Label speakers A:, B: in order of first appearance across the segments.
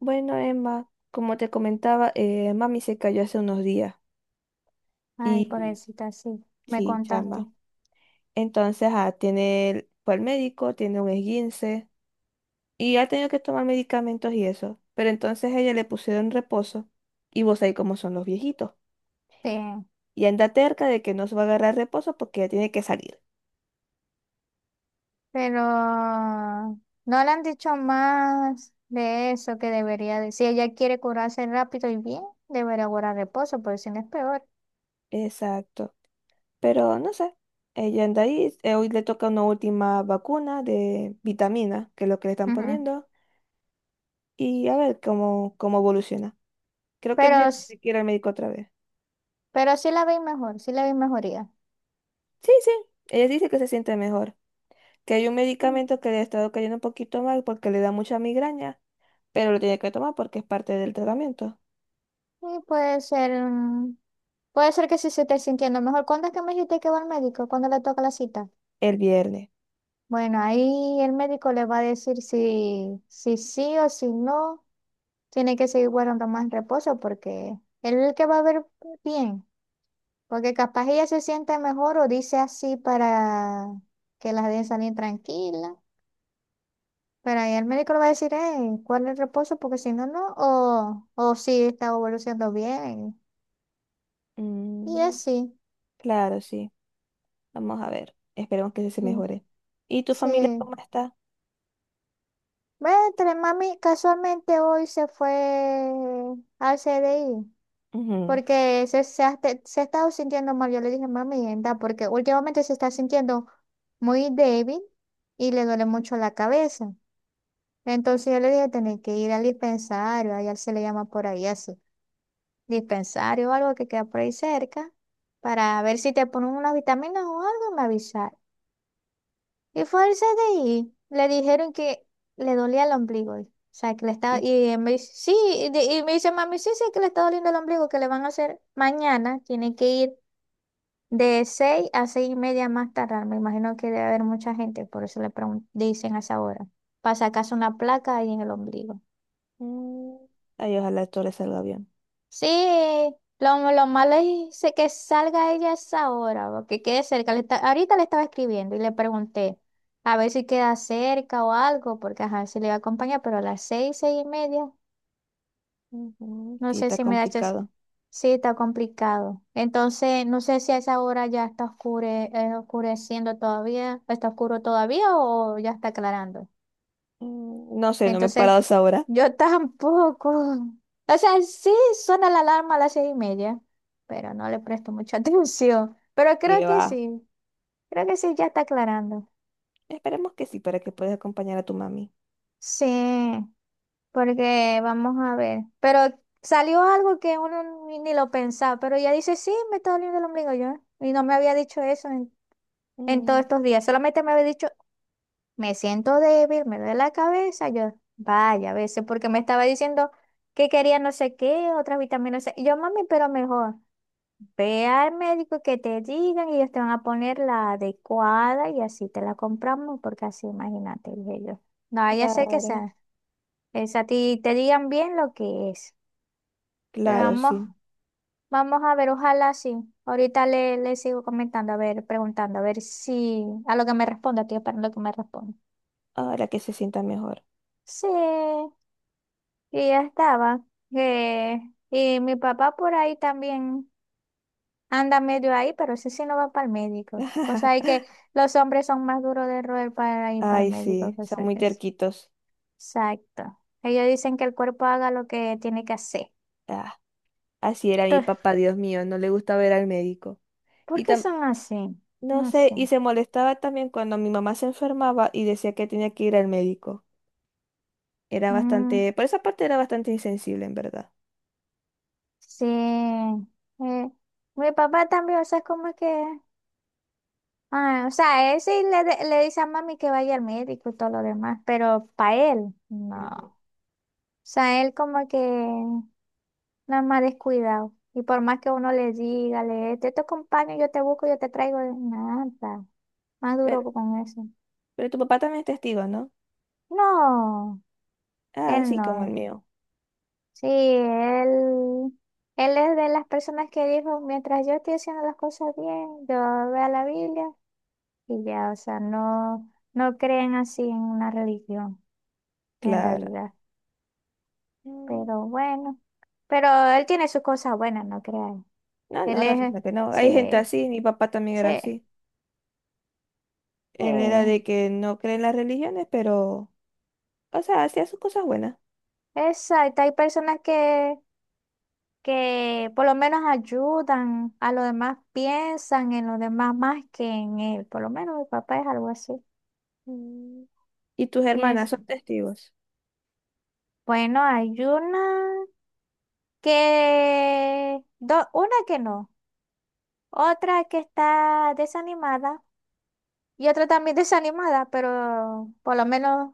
A: Bueno, Emma, como te comentaba, mami se cayó hace unos días
B: Ay,
A: y
B: pobrecita, sí, me
A: sí,
B: contaste.
A: chama. Entonces, tiene, fue al médico, tiene un esguince y ha tenido que tomar medicamentos y eso. Pero entonces a ella le pusieron reposo y vos ahí como son los viejitos.
B: Sí,
A: Y anda terca de que no se va a agarrar reposo porque ella tiene que salir.
B: pero no le han dicho más de eso que debería decir. Si ella quiere curarse rápido y bien, debería guardar reposo, porque si no es peor.
A: Exacto. Pero no sé, ella anda ahí, hoy le toca una última vacuna de vitamina, que es lo que le están
B: Ujú.
A: poniendo, y a ver cómo, cómo evoluciona. Creo que él ya
B: Pero, s-
A: tiene que ir al médico otra vez.
B: pero, sí la veis mejor, sí la veis mejoría.
A: Sí, sí, ella dice que se siente mejor, que hay un
B: Mm,
A: medicamento que le ha estado cayendo un poquito mal porque le da mucha migraña, pero lo tiene que tomar porque es parte del tratamiento.
B: Y puede ser que sí se esté sintiendo mejor. ¿Cuándo es que me dijiste que va al médico? ¿Cuándo le toca la cita?
A: El viernes.
B: Bueno, ahí el médico le va a decir si sí o si no. Tiene que seguir guardando más reposo porque él es el que va a ver bien, porque capaz ella se siente mejor o dice así para que las dejen salir tranquila, pero ahí el médico le va a decir, ¿cuál es el reposo? Porque si no, no, o si está evolucionando bien. Y
A: Mm,
B: así,
A: claro, sí. Vamos a ver. Esperemos que se
B: sí.
A: mejore. ¿Y tu familia
B: Sí.
A: cómo está?
B: Ve, entre mami, casualmente hoy se fue al C D I.
A: Ujú.
B: Porque se ha estado sintiendo mal. Yo le dije, mami, anda, porque últimamente se está sintiendo muy débil y le duele mucho la cabeza. Entonces yo le dije, tenés que ir al dispensario, allá se le llama por ahí así, dispensario o algo que queda por ahí cerca, para ver si te ponen unas vitaminas o algo, me avisar. Y fue al CDI, le dijeron que le dolía el ombligo. O sea, que le estaba,
A: Y-
B: y él me dice, sí, y me dice, mami, sí, sí, que le está doliendo el ombligo, que le van a hacer mañana, tiene que ir de 6 a 6:30 más tardar, me imagino que debe haber mucha gente, por eso le dicen a esa hora. Para sacarse una placa ahí en el ombligo.
A: mm, Ay, ojalá todo le salga bien.
B: Sí, lo malo es que salga ella a esa hora, porque quede cerca. Ahorita le estaba escribiendo y le pregunté a ver si queda cerca o algo, porque ajá, si le va a acompañar, pero a las 6, 6:30.
A: Ujú,
B: No
A: sí,
B: sé
A: está
B: si me da chance.
A: complicado.
B: Sí, está complicado. Entonces, no sé si a esa hora ya está oscureciendo todavía, está oscuro todavía o ya está aclarando.
A: Mm, no sé, no me he
B: Entonces,
A: parado a esa hora.
B: yo tampoco. O sea, sí suena la alarma a las 6:30, pero no le presto mucha atención. Pero
A: Y va.
B: creo que sí ya está aclarando.
A: Esperemos que sí, para que puedas acompañar a tu mami.
B: Sí. Porque vamos a ver. Pero salió algo que uno ni lo pensaba. Pero ella dice, sí, me está doliendo el ombligo yo. Y no me había dicho eso en todos
A: Mm.
B: estos días. Solamente me había dicho, me siento débil, me duele la cabeza. Yo, vaya, a veces, porque me estaba diciendo que quería no sé qué, otras vitaminas, no sé. Y yo, mami, pero mejor. Ve al médico que te digan y ellos te van a poner la adecuada y así te la compramos, porque así, imagínate, dije yo. No vaya a ser que
A: Claro,
B: sea. Es a ti te digan bien lo que es. Pero
A: claro,
B: vamos,
A: sí.
B: vamos a ver, ojalá sí. Ahorita le sigo comentando, a ver, preguntando, a ver si a lo que me responda, estoy esperando que me responda.
A: Ahora que se sientan mejor.
B: Sí, y ya estaba. Eh, y mi papá por ahí también anda medio ahí, pero ese sí no va para el médico. O sea, hay que los hombres son más duros de roer para ir para el
A: Ay,
B: médico,
A: sí,
B: que
A: son
B: sé
A: muy
B: que es.
A: terquitos.
B: Exacto. Ellos dicen que el cuerpo haga lo que tiene que hacer.
A: Ah, así era mi
B: Entonces,
A: papá, Dios mío, no le gustaba ir al médico.
B: ¿por
A: Y
B: qué
A: tam-
B: son así?
A: no
B: No
A: sé,
B: sé.
A: y se molestaba también cuando mi mamá se enfermaba y decía que tenía que ir al médico. Era
B: Mm.
A: bastante, por esa parte era bastante insensible, en verdad.
B: Sí, mi papá también, o sea, es como que, ah, o sea, él sí le dice a mami que vaya al médico y todo lo demás, pero para él, no.
A: Ujú.
B: O sea, él como que nada más descuidado. Y por más que uno le diga, te acompaño, yo te busco, yo te traigo, nada, más
A: Pero,
B: duro con eso.
A: pero tu papá también es testigo, ¿no?
B: No,
A: Ah,
B: él
A: sí, como el
B: no.
A: mío.
B: Sí, él es de las personas que dijo, mientras yo estoy haciendo las cosas bien, yo veo la Biblia. Y ya, o sea, no, no creen así en una religión, en
A: Claro.
B: realidad.
A: Mm,
B: Pero bueno, pero él tiene sus cosas buenas, no crean.
A: no, no,
B: Él
A: no,
B: es,
A: fíjate que no.
B: sí,
A: Hay gente así, mi papá también era
B: sí,
A: así.
B: sí.
A: Él era de que no cree en las religiones, pero, o sea, hacía sus cosas buenas.
B: Exacto, hay personas que por lo menos ayudan a los demás, piensan en los demás más que en él. Por lo menos mi papá es algo así.
A: Mm, y tus
B: Y
A: hermanas
B: es,
A: son testigos.
B: bueno, hay una que no, otra que está desanimada. Y otra también desanimada, pero por lo menos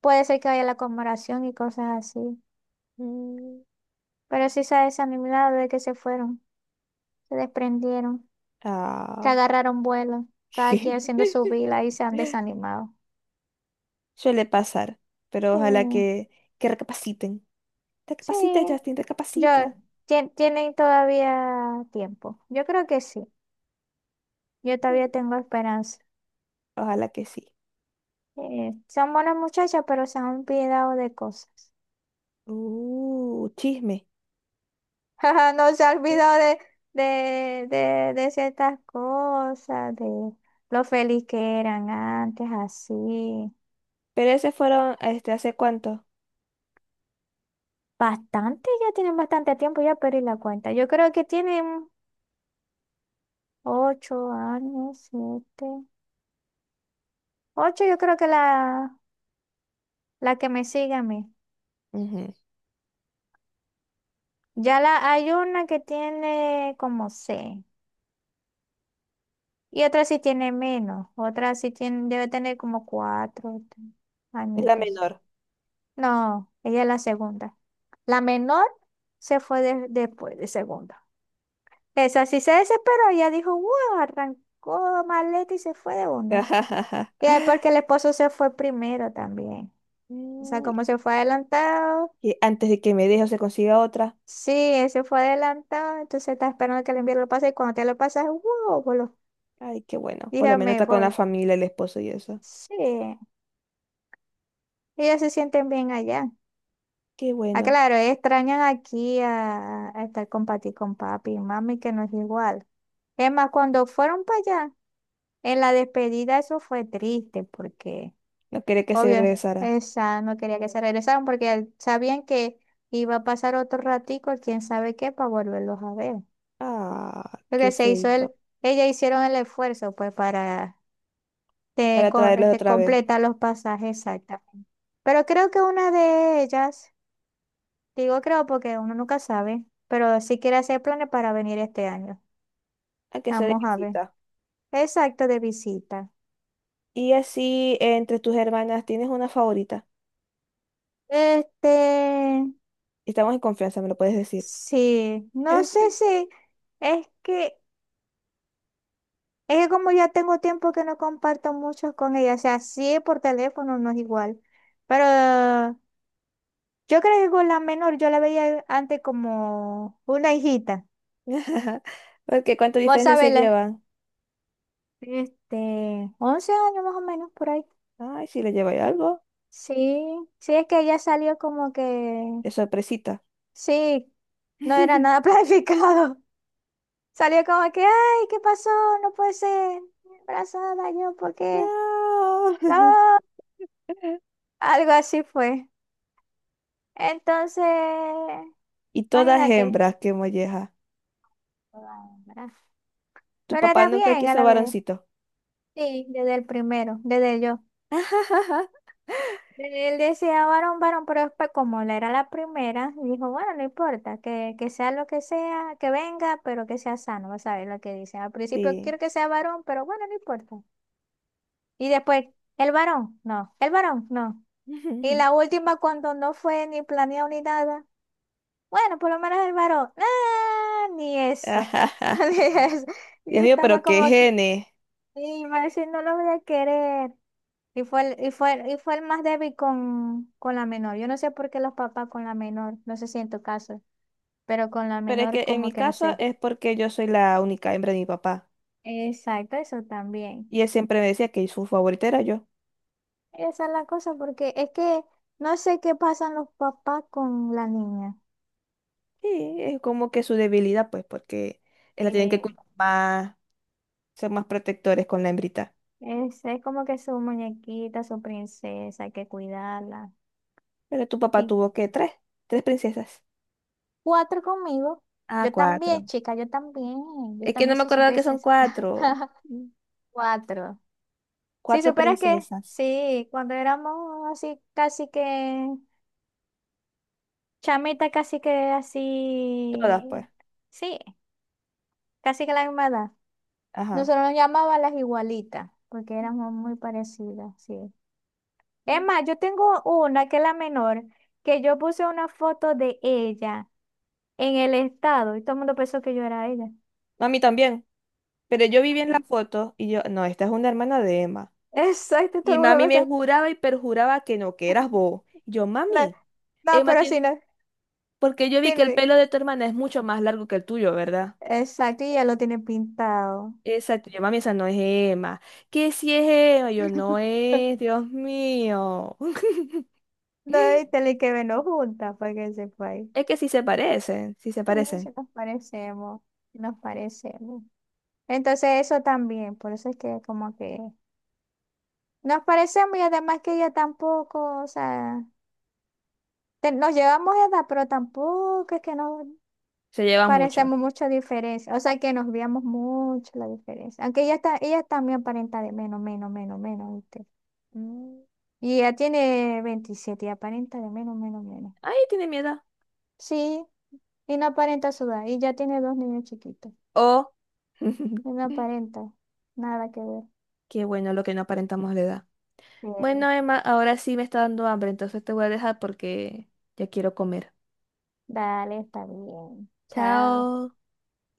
B: puede ser que haya la conmemoración y cosas así.
A: Mm.
B: Pero sí se ha desanimado de que se fueron, se desprendieron, que
A: Ah,
B: agarraron vuelo, cada quien haciendo su vida y se han desanimado.
A: suele pasar, pero
B: Sí,
A: ojalá que recapaciten.
B: sí,
A: Recapacita, Justin,
B: yo,
A: recapacita.
B: tienen todavía tiempo. Yo creo que sí, yo todavía
A: Sí.
B: tengo esperanza.
A: Ojalá que sí.
B: Son buenas muchachas, pero se han olvidado de cosas.
A: Chisme.
B: Ajá, no se ha
A: Sí.
B: olvidado de, de, de ciertas cosas, de lo feliz que eran antes, así.
A: Pero ese fueron, este, ¿hace cuánto?
B: Bastante, ya tienen bastante tiempo, ya perdí la cuenta. Yo creo que tienen 8 años, 7. 8, yo creo que la que me sigue a mí.
A: Ujú.
B: Ya hay una que tiene como seis. Y otra sí tiene menos. Otra sí tiene, debe tener como cuatro
A: Es la
B: añitos.
A: menor.
B: No, ella es la segunda. La menor se fue después de segunda. Esa sí se desesperó, ella dijo, wow, arrancó maleta y se fue de una. Y ahí porque el esposo se fue primero también. O sea,
A: Mm,
B: como se fue adelantado,
A: que antes de que me deje o se consiga otra.
B: sí, él se fue adelantado, entonces está esperando que el envío lo pase y cuando te lo pasas, wow, boludo,
A: Ay, qué bueno. Por lo
B: dije,
A: menos
B: me
A: está con la
B: voy.
A: familia, el esposo y eso.
B: Sí, ellos se sienten bien allá.
A: Qué
B: Ah,
A: bueno.
B: claro, extrañan aquí a estar con Pati, con papi y mami, que no es igual. Es más, cuando fueron para allá, en la despedida eso fue triste porque,
A: No quería que se
B: obvio,
A: regresaran.
B: esa no quería que se regresaran porque sabían que iba a pasar otro ratico, quién sabe qué, para volverlos a ver.
A: Ah,
B: Porque
A: qué feito.
B: ellas hicieron el esfuerzo pues para
A: Para traerlos otra vez.
B: completar los pasajes exactamente. Pero creo que una de ellas, digo creo porque uno nunca sabe, pero sí quiere hacer planes para venir este año.
A: A que sea de
B: Vamos a ver.
A: visita.
B: Exacto, de visita.
A: Y así, entre tus hermanas, ¿tienes una favorita?
B: Este,
A: Estamos en confianza, me lo puedes decir.
B: Sí, no sé si es que, es que como ya tengo tiempo que no comparto mucho con ella, o sea, sí por teléfono no es igual, pero yo creo que con la menor yo la veía antes como una hijita,
A: Porque ¿cuánto
B: vos
A: diferencia
B: sabés,
A: se llevan?
B: 11 años más o menos por ahí.
A: Ay, si le lleváis algo,
B: Sí, sí es que ella salió como que,
A: de sorpresita.
B: sí, no era nada planificado, salió como que, ay, ¿qué pasó? No puede ser, embarazada yo, ¿por qué? No.
A: No.
B: Algo así fue. Entonces,
A: Y todas
B: imagínate.
A: hembras, qué molleja.
B: Ah,
A: Tu
B: pero
A: papá
B: era
A: nunca
B: bien a
A: quiso
B: la vez.
A: varoncito.
B: Sí, desde el primero, desde yo. Desde él decía varón, varón, pero después, como la era la primera, dijo, bueno, no importa, que sea lo que sea, que venga, pero que sea sano, vas a ver lo que dice. Al principio
A: Sí.
B: quiero que sea varón, pero bueno, no importa. Y después, el varón, no, el varón, no. Y la última, cuando no fue ni planeado ni nada. Bueno, por lo menos el varón. Ah, ni eso.
A: Ajaja.
B: Ni eso.
A: Dios
B: Yo
A: mío,
B: estaba
A: pero qué
B: como que,
A: genes.
B: y me decía, no lo voy a querer. Y fue el más débil con la menor. Yo no sé por qué los papás con la menor, no sé si en tu caso, pero con la
A: Pero es
B: menor
A: que en
B: como
A: mi
B: que no
A: caso
B: sé.
A: es porque yo soy la única hembra de mi papá.
B: Exacto, eso también.
A: Y él siempre me decía que su favorita era yo.
B: Esa es la cosa, porque es que no sé qué pasan los papás con la niña.
A: Y es como que su debilidad, pues, porque él la tienen que
B: Sí,
A: cuidar más, ser más protectores con la hembrita.
B: es como que su muñequita, su princesa, hay que cuidarla.
A: Pero tu papá tuvo que tres, tres princesas.
B: Cuatro conmigo.
A: Ah,
B: Yo también,
A: cuatro.
B: chica, yo también. Yo
A: Es que no
B: también
A: me
B: soy su
A: acordaba que son
B: princesa.
A: cuatro. Mm,
B: Cuatro. Si
A: cuatro
B: supieras que,
A: princesas.
B: sí, cuando éramos así, casi que, chamita, casi que
A: Todas,
B: así,
A: pues.
B: sí, casi que la misma edad.
A: Ajá.
B: Nosotros nos llamaban las igualitas, porque éramos muy parecidas, sí. Es
A: Ujú.
B: más, yo tengo una que es la menor, que yo puse una foto de ella en el estado y todo el mundo pensó que yo era ella.
A: A mí también. Pero yo vi bien la foto y yo, no, esta es una hermana de Emma.
B: O sea, exacto, todo
A: Y
B: el mundo
A: mami me
B: pensó.
A: juraba y perjuraba que no, que eras vos. Y yo,
B: No,
A: mami,
B: no,
A: Emma
B: pero si
A: tiene...
B: no,
A: Porque yo vi que el
B: tiene-
A: pelo de tu hermana es mucho más largo que el tuyo, ¿verdad?
B: exacto, y ya lo tiene pintado.
A: Exacto. Yo, mami, esa no es Emma. ¿Qué si es Emma? Yo, no es, Dios mío.
B: No, y tal y que menos juntas para que sepáis.
A: Es que sí se parecen, sí se
B: Mm, si
A: parecen.
B: nos parecemos, si nos parecemos. Entonces eso también, por eso es que como que nos parecemos y además que ella tampoco, o sea, nos llevamos de edad, pero tampoco es que nos
A: Se llevan mucho.
B: parecemos mucho diferencia, o sea que nos veamos mucho la diferencia, aunque ella está, ella también aparenta de menos, menos, menos, menos.
A: Mm.
B: Y ya tiene 27, y aparenta de menos, menos, menos.
A: Ay, tiene miedo.
B: Sí, y no aparenta sudar. Y ya tiene dos niños chiquitos.
A: Oh.
B: Y no aparenta. Nada que ver.
A: Qué bueno lo que no aparentamos la edad.
B: Bueno,
A: Bueno, Emma, ahora sí me está dando hambre, entonces te voy a dejar porque ya quiero comer.
B: dale, está bien. Chao.
A: Chao.